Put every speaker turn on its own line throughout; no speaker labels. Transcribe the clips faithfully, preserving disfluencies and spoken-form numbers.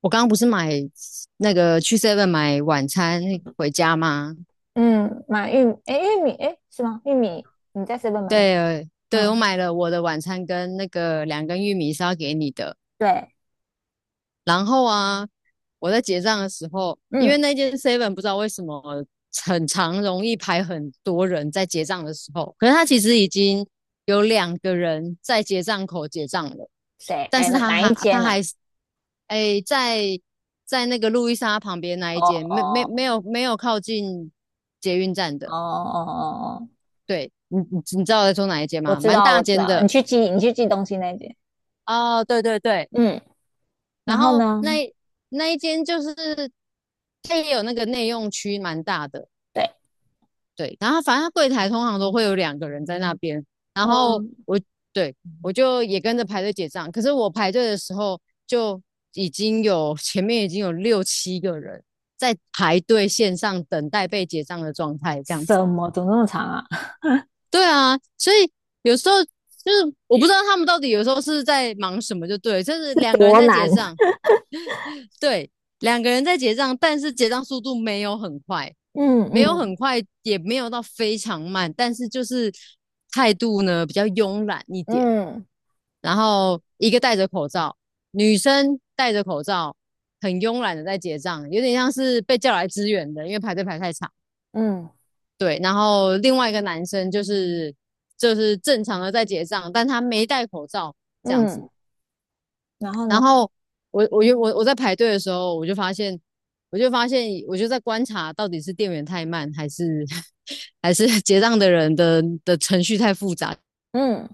我刚刚不是买那个去 Seven 买晚餐回家吗？
嗯，买玉米，哎，玉米，哎，是吗？玉米，你在 s e 买的？
对，对，我
嗯，
买了我的晚餐跟那个两根玉米是要给你的。
对，
然后啊，我在结账的时候，因为
嗯，
那间 Seven 不知道为什么很常容易排很多人在结账的时候，可是他其实已经有两个人在结账口结账了，
谁？
但
哎，
是
哪
他
哪
还
一间
他
呐、啊
还是哎，在在那个路易莎旁边那一
哦
间，没没没
哦
有没有靠近捷运站
哦
的。
哦哦哦，
对，你你你知道我在说哪一间
我
吗？
知
蛮
道，
大
我知
间
道，你
的
去寄，你去寄东西那间。
哦。对对对，
嗯，然
然
后
后
呢？
那那一间就是它也有那个内用区，蛮大的。
对，
对，然后反正它柜台通常都会有两个人在那边，然后
嗯，
我对，我就也跟着排队结账。可是我排队的时候就已经有前面已经有六七个人在排队线上等待被结账的状态，这样子。
什么？怎么那么长啊？
对啊，所以有时候就是我不知道他们到底有时候是在忙什么，就对，就是 两个人
多
在结
难。
账，对，两个人在结账，但是结账速度没有很快，
嗯
没有很
嗯
快，也没有到非常慢，但是就是态度呢比较慵懒一点。
嗯
然后一个戴着口罩，女生戴着口罩，很慵懒的在结账，有点像是被叫来支援的，因为排队排太长。
嗯
对，然后另外一个男生就是就是正常的在结账，但他没戴口罩这样子。
嗯，然后
然
呢？
后我我又我我在排队的时候，我就发现，我就发现，我就在观察到底是店员太慢，还是 还是结账的人的的程序太复杂，
嗯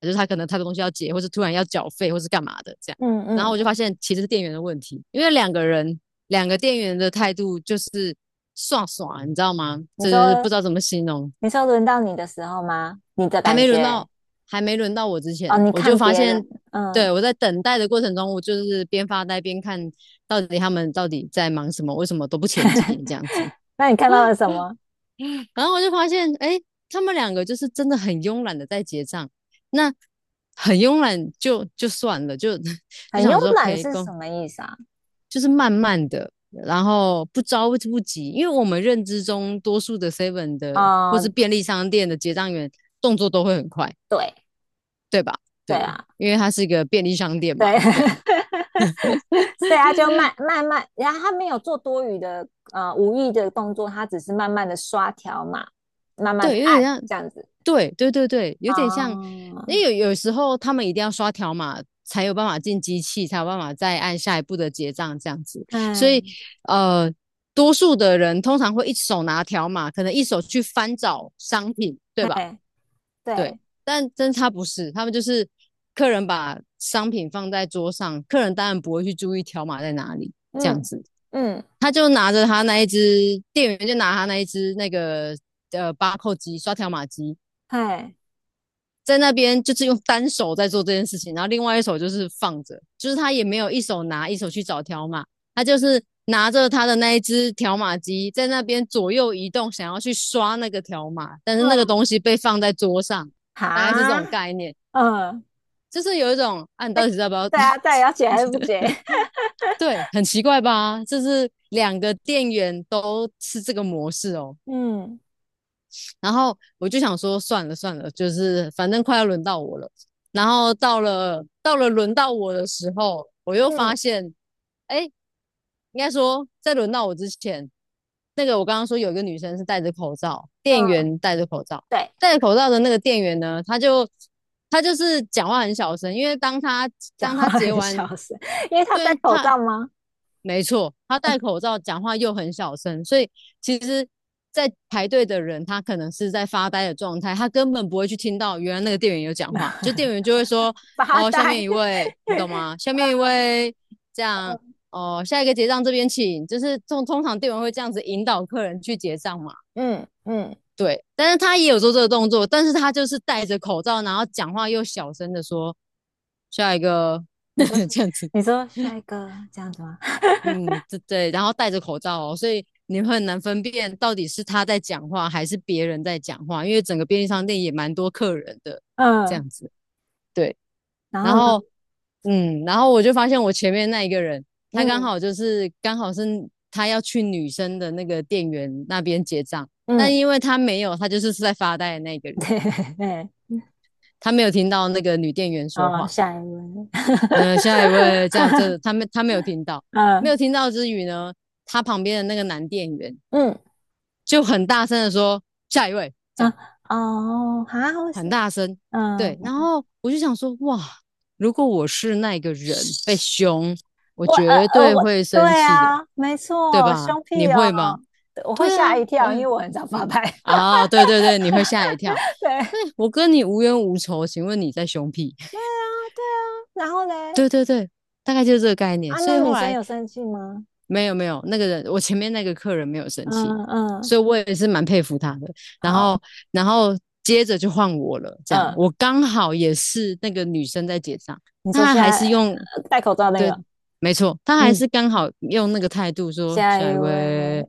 就是他可能太多东西要结，或是突然要缴费，或是干嘛的这样。
嗯
然后
嗯，
我就发现其实是店员的问题，因为两个人两个店员的态度就是爽爽，你知道吗？
你
这就是不
说
知道怎么形容。
你说轮到你的时候吗？你的
还
感
没轮到，
觉
还没轮到我之前，
哦，你
我就
看
发
别
现，
人，
对，
嗯，
我在等待的过程中，我就是边发呆边看到底他们到底在忙什么，为什么都不前进这样子。
那你看到了什么？
然后我就发现，哎，他们两个就是真的很慵懒的在结账，那很慵懒就就算了，就 就
很
想
慵
说可
懒
以
是什
跟，
么意思啊？
就是慢慢的。然后不着不急，因为我们认知中多数的 Seven 的或是
哦、
便利商店的结账员动作都会很快，
对
对吧？
对
对，
啊，
因为它是一个便利商店嘛，
对，
这样
所以他就慢慢慢，然后他没有做多余的呃无意的动作，他只是慢慢的刷条码，慢慢
对，
的
有点
按
像，
这样子。
对对对对，有点像，因
哦，
为有有时候他们一定要刷条码才有办法进机器，才有办法再按下一步的结账这样子，所以
嗯，
呃，多数的人通常会一手拿条码，可能一手去翻找商品，对吧？
嘿，
对，
对，
但真他不是，他们就是客人把商品放在桌上，客人当然不会去注意条码在哪里这样
嗯
子。
嗯，
他就拿着他那一只，店员就拿他那一只那个呃巴扣机刷条码机，
嘿，
在那边就是用单手在做这件事情，然后另外一手就是放着，就是他也没有一手拿一手去找条码，他就是拿着他的那一只条码机在那边左右移动，想要去刷那个条码，但是那个东
嗯，
西被放在桌上，大概是这种
哈，
概念，
嗯，
就是有一种啊，你到底要不要
对啊，对，要 解还是不解？
对，很奇怪吧？就是两个店员都是这个模式哦。
嗯
然后我就想说，算了算了，就是反正快要轮到我了。然后到了到了轮到我的时候，我又发
嗯
现，哎，应该说在轮到我之前，那个我刚刚说有一个女生是戴着口罩，店
嗯，
员戴着口罩，
对，
戴着口罩的那个店员呢，他就他就是讲话很小声，因为当他
讲
当
话
他结
很 小
完，
声，因为他戴
对，
口
他
罩吗？
没错，他戴口罩，讲话又很小声，所以其实，在排队的人他可能是在发呆的状态，他根本不会去听到原来那个店员有讲话，就店员就会说：
发
“哦，下面
呆。
一位，你懂吗？下面一位，这样哦，下一个结账这边请。”就是通通常店员会这样子引导客人去结账嘛。
嗯嗯
对，但是他也有做这个动作，但是他就是戴着口罩，然后讲话又小声的说：“下一个
你说 是，
这样子。”
你说下一个这样子吗？
嗯，对对，然后戴着口罩哦，所以你会很难分辨到底是他在讲话还是别人在讲话，因为整个便利商店也蛮多客人的，这
嗯，
样子。对，
然
然
后呢？
后嗯，然后我就发现我前面那一个人，他刚
嗯
好就是刚好是他要去女生的那个店员那边结账，但
嗯，
因为他没有，他就是在发呆的那个 人，
对对对，
他没有听到那个女店员说
哦，
话。
下一位。
呃，下一位这样，这他 没他没有听到，没有
嗯
听到之余呢，他旁边的那个男店员。
嗯，
就很大声的说下一位，这
嗯
样
哦，哈，我
很
是
大声。
嗯，
对，然后我就想说，哇，如果我是那个人被凶，我
我呃
绝
呃
对
我
会生
对
气的，
啊，没
对
错，
吧？
凶
你
屁
会
哦，
吗？
对我会
对啊，
吓一
我
跳，因
也，
为我很常发
嗯，
呆。
啊，对对对，你会吓一跳。哎，
对
我跟你无冤无仇，请问你在凶屁？
对啊，对啊，然后 嘞，
对对对，大概就是这个概念。
啊，
所以
那
后
女生
来
有生气吗？
没有没有，那个人我前面那个客人没有生气，
嗯嗯。
所以我也是蛮佩服他的。然后
好，
然后接着就换我了，这样
嗯，
我刚好也是那个女生在结账。
你说
她
现
还
在
是用
呃戴口罩那个，
对，没错，她还是
嗯，
刚好用那个态度说
下
下一
一位，
位，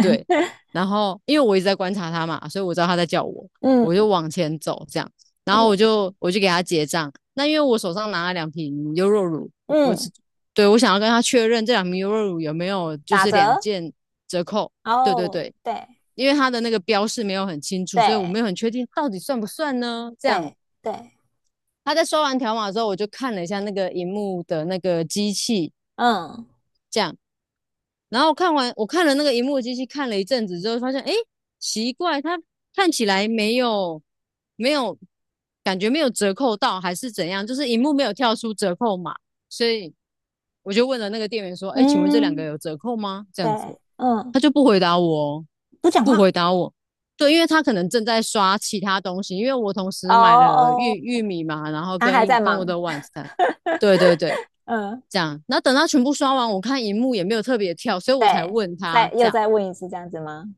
对，然后因为我一直在观察他嘛，所以我知道他在叫我，我就
嗯
往前走这样，然后我
嗯
就我就给他结账。那因为我手上拿了两瓶优酪乳，我只
嗯，
对，我想要跟他确认这两瓶优酪乳有没有就
打
是两
折，
件折扣。对对
哦，
对，
对
因为他的那个标示没有很清楚，所以我没有
对
很确定到底算不算呢？这样
对对，
他在收完条码之后，我就看了一下那个荧幕的那个机器，
嗯
这样然后看完我看了那个荧幕机器看了一阵子之后，发现哎，诶奇怪，它看起来没有没有感觉没有折扣到，还是怎样？就是荧幕没有跳出折扣码，所以我就问了那个店员说：“哎，请问这两个
嗯，
有折扣吗？”这样
对，
子，
嗯，
他就不回答我哦，
不讲
不回
话，
答我。对，因为他可能正在刷其他东西，因为我同
哦
时买了玉
哦，
玉米嘛，然后
他还
跟
在
跟我
忙，
的晚餐。对对对，
嗯，
这样。然后等他全部刷完，我看荧幕也没有特别跳，所以我才
对，
问他
再
这
又
样。
再问一次这样子吗？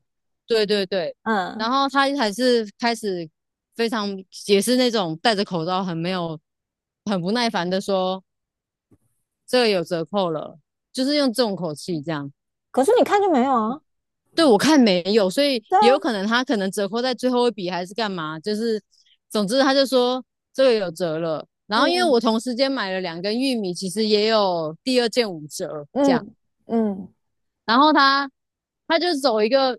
对对对，然
嗯，
后他还是开始非常也是那种戴着口罩很没有很不耐烦的说这个有折扣了，就是用这种口气这样。
可是你看就没有啊，
对我看没有，所以
对
也
啊，
有可能他可能折扣在最后一笔还是干嘛，就是总之他就说这个有折了。然后因为我
嗯
同时间买了两根玉米，其实也有第二件五折这样。
嗯嗯，
然后他他就走一个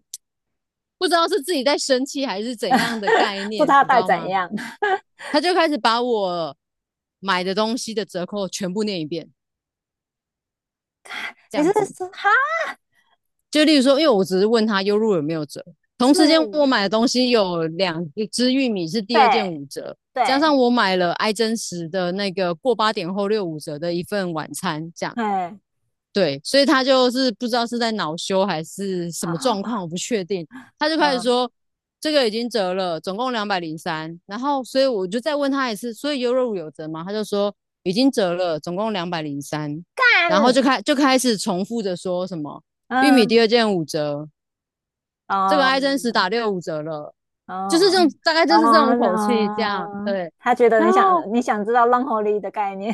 不知道是自己在生气还是怎样的概
不知
念，
道他
你知
戴
道
怎
吗？
样，
他就开始把我买的东西的折扣全部念一遍，这
你
样
是
子。
说哈
就例如说，因为我只是问他优入有没有折，同
是？
时间我买的东西有两一只玉米是第二件
对
五折，加上
对，
我买了爱真实的那个过八点后六五折的一份晚餐，这样。
哎，
对，所以他就是不知道是在恼羞还是什
好
么
好
状况，
好，
我不确定。他就 开始
嗯
说这个已经折了，总共两百零三。然后，所以我就再问他一次，所以优柔乳有折吗？他就说已经折了，总共两百零三。然后就
但
开就开始重复着说什么玉米第二
嗯
件五折，这个爱真实
嗯
打六五折了，就是这种
嗯
大概就是这种
嗯
口气这样，
嗯，
对。
他觉得
然
你想
后
你想知道浪吼里的概念，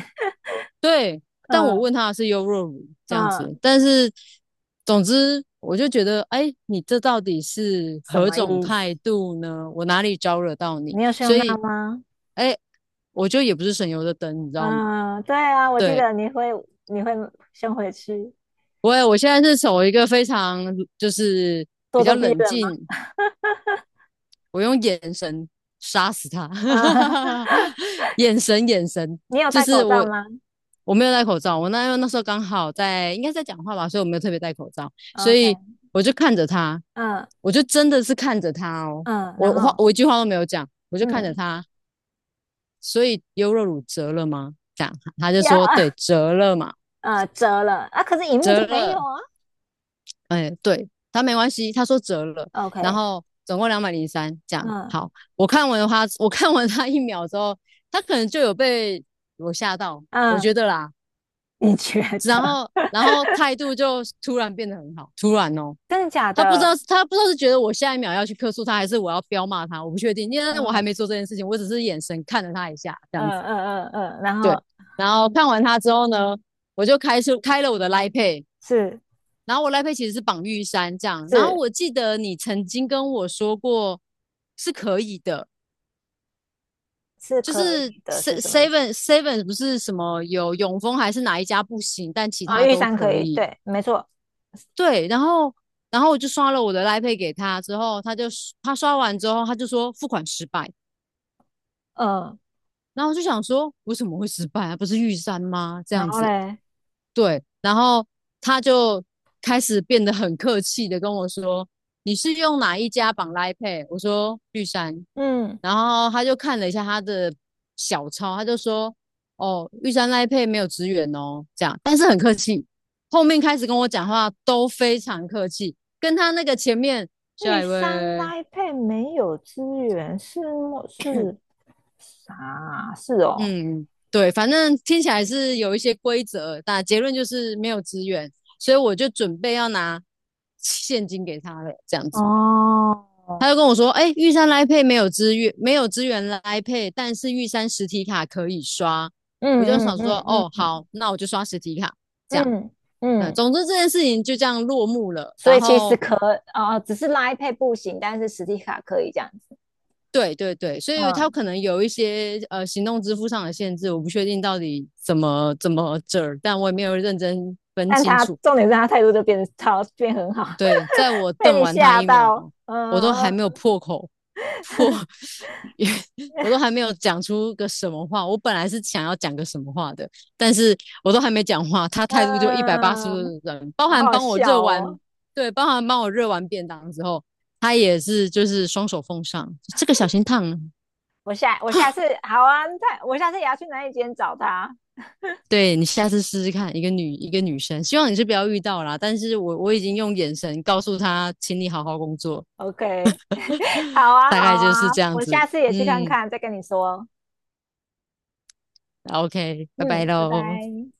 对，但我问
嗯
他的是优若乳这样子，
嗯，
但是总之我就觉得，哎，你这到底是
什
何
么
种
意思？
态度呢？我哪里招惹到你？
你有
所
胸大
以，
吗？
哎，我就也不是省油的灯，你知道吗？
嗯，对啊，我记
对，
得你会你会先回去
我我现在是走一个非常就是比
咄
较
咄逼
冷
人吗？
静，我用眼神杀死他
啊，
眼神眼神，
你有
就
戴
是
口罩
我
吗
我没有戴口罩，我那因那时候刚好在应该在讲话吧，所以我没有特别戴口罩，所以
？OK，
我就看着他，
嗯
我就真的是看着他哦，
嗯，
我
然
话
后
我一句话都没有讲，我就看着
嗯，
他，所以优若乳折了吗？这样他就
呀，
说对折了嘛，
呃，折了啊，可是荧幕
折
就没有
了，
啊。
哎，对，他没关系，他说折了，然
OK，
后总共两百零三，这样
嗯
好。我看完他，我看完他一秒之后，他可能就有被我吓到，我觉
嗯
得啦。
你觉
然
得
后，然后态度就突然变得很好，突然哦，
真的假
他不知
的？
道，他不知道是觉得我下一秒要去客诉他，还是我要彪骂他，我不确定，因为我还没
嗯
做这件事情，我只是眼神看了他一下，这样子。
嗯嗯嗯嗯，然
对，
后
然后看完他之后呢，我就开出开了我的 l i Pay，
是
然后我赖佩其实是绑玉山这样，然后
是
我记得你曾经跟我说过是可以的，
是
就
可
是
以的，
se-
是什么意
v e
思？
n Seven 不是什么有永丰还是哪一家不行，但其
啊、
他
玉
都
山可
可
以，
以。
对，没错，
对，然后然后我就刷了我的赖佩给他之后，他就他刷完之后他就说付款失败，
嗯，
然后我就想说为什么会失败啊？不是玉山吗？这
然
样
后
子，
嘞，
对，然后他就开始变得很客气的跟我说：“你是用哪一家绑拉 Pay？” 我说：“玉山。”
嗯，
然后他就看了一下他的小抄，他就说：“哦，玉山拉 Pay 没有职员哦。”这样，但是很客气。后面开始跟我讲话都非常客气，跟他那个前面
玉
下一
山
位，
l i n 没有资源，是么是啥啊是哦，
嗯，对，反正听起来是有一些规则，但结论就是没有资源，所以我就准备要拿现金给他了，这样子。
哦，
他就跟我说：“哎、玉山来配没有资源，没有资源来配，但是玉山实体卡可以刷。”我就
嗯
想
嗯
说：
嗯
“哦，
嗯
好，那我就刷实体卡。”这
嗯
样，
嗯
嗯，
嗯。
总之这件事情就这样落幕了。
所
然
以其实
后，
可呃，只是拉一配不行，但是实体卡可以这样子。
对对对，所以他
嗯，
可能有一些呃行动支付上的限制，我不确定到底怎么怎么这儿，但我也没有认真分
但
清
他
楚。
重点是他态度就变得超变很好，
对，在我
被
瞪
你
完他
吓
一
到。
秒，我
嗯
都还没有
嗯
破口破，我都还没有讲出个什么话。我本来是想要讲个什么话的，但是我都还没讲话，他态度就一百八十度
嗯，
的转，包
好
含
好
帮我热
笑
完，
哦。
对，包含帮我热完便当之后，他也是就是双手奉上，这个小心烫了。
我下我下次好啊，我下次也要去哪一间找他。
对你下次试试看，一个女一个女生，希望你是不要遇到啦。但是我我已经用眼神告诉他，请你好好工作，
OK，好啊
大概
好
就是
啊，
这样
我
子。
下次也去看
嗯，
看，再跟你说。
OK，拜拜
嗯，拜
喽。
拜。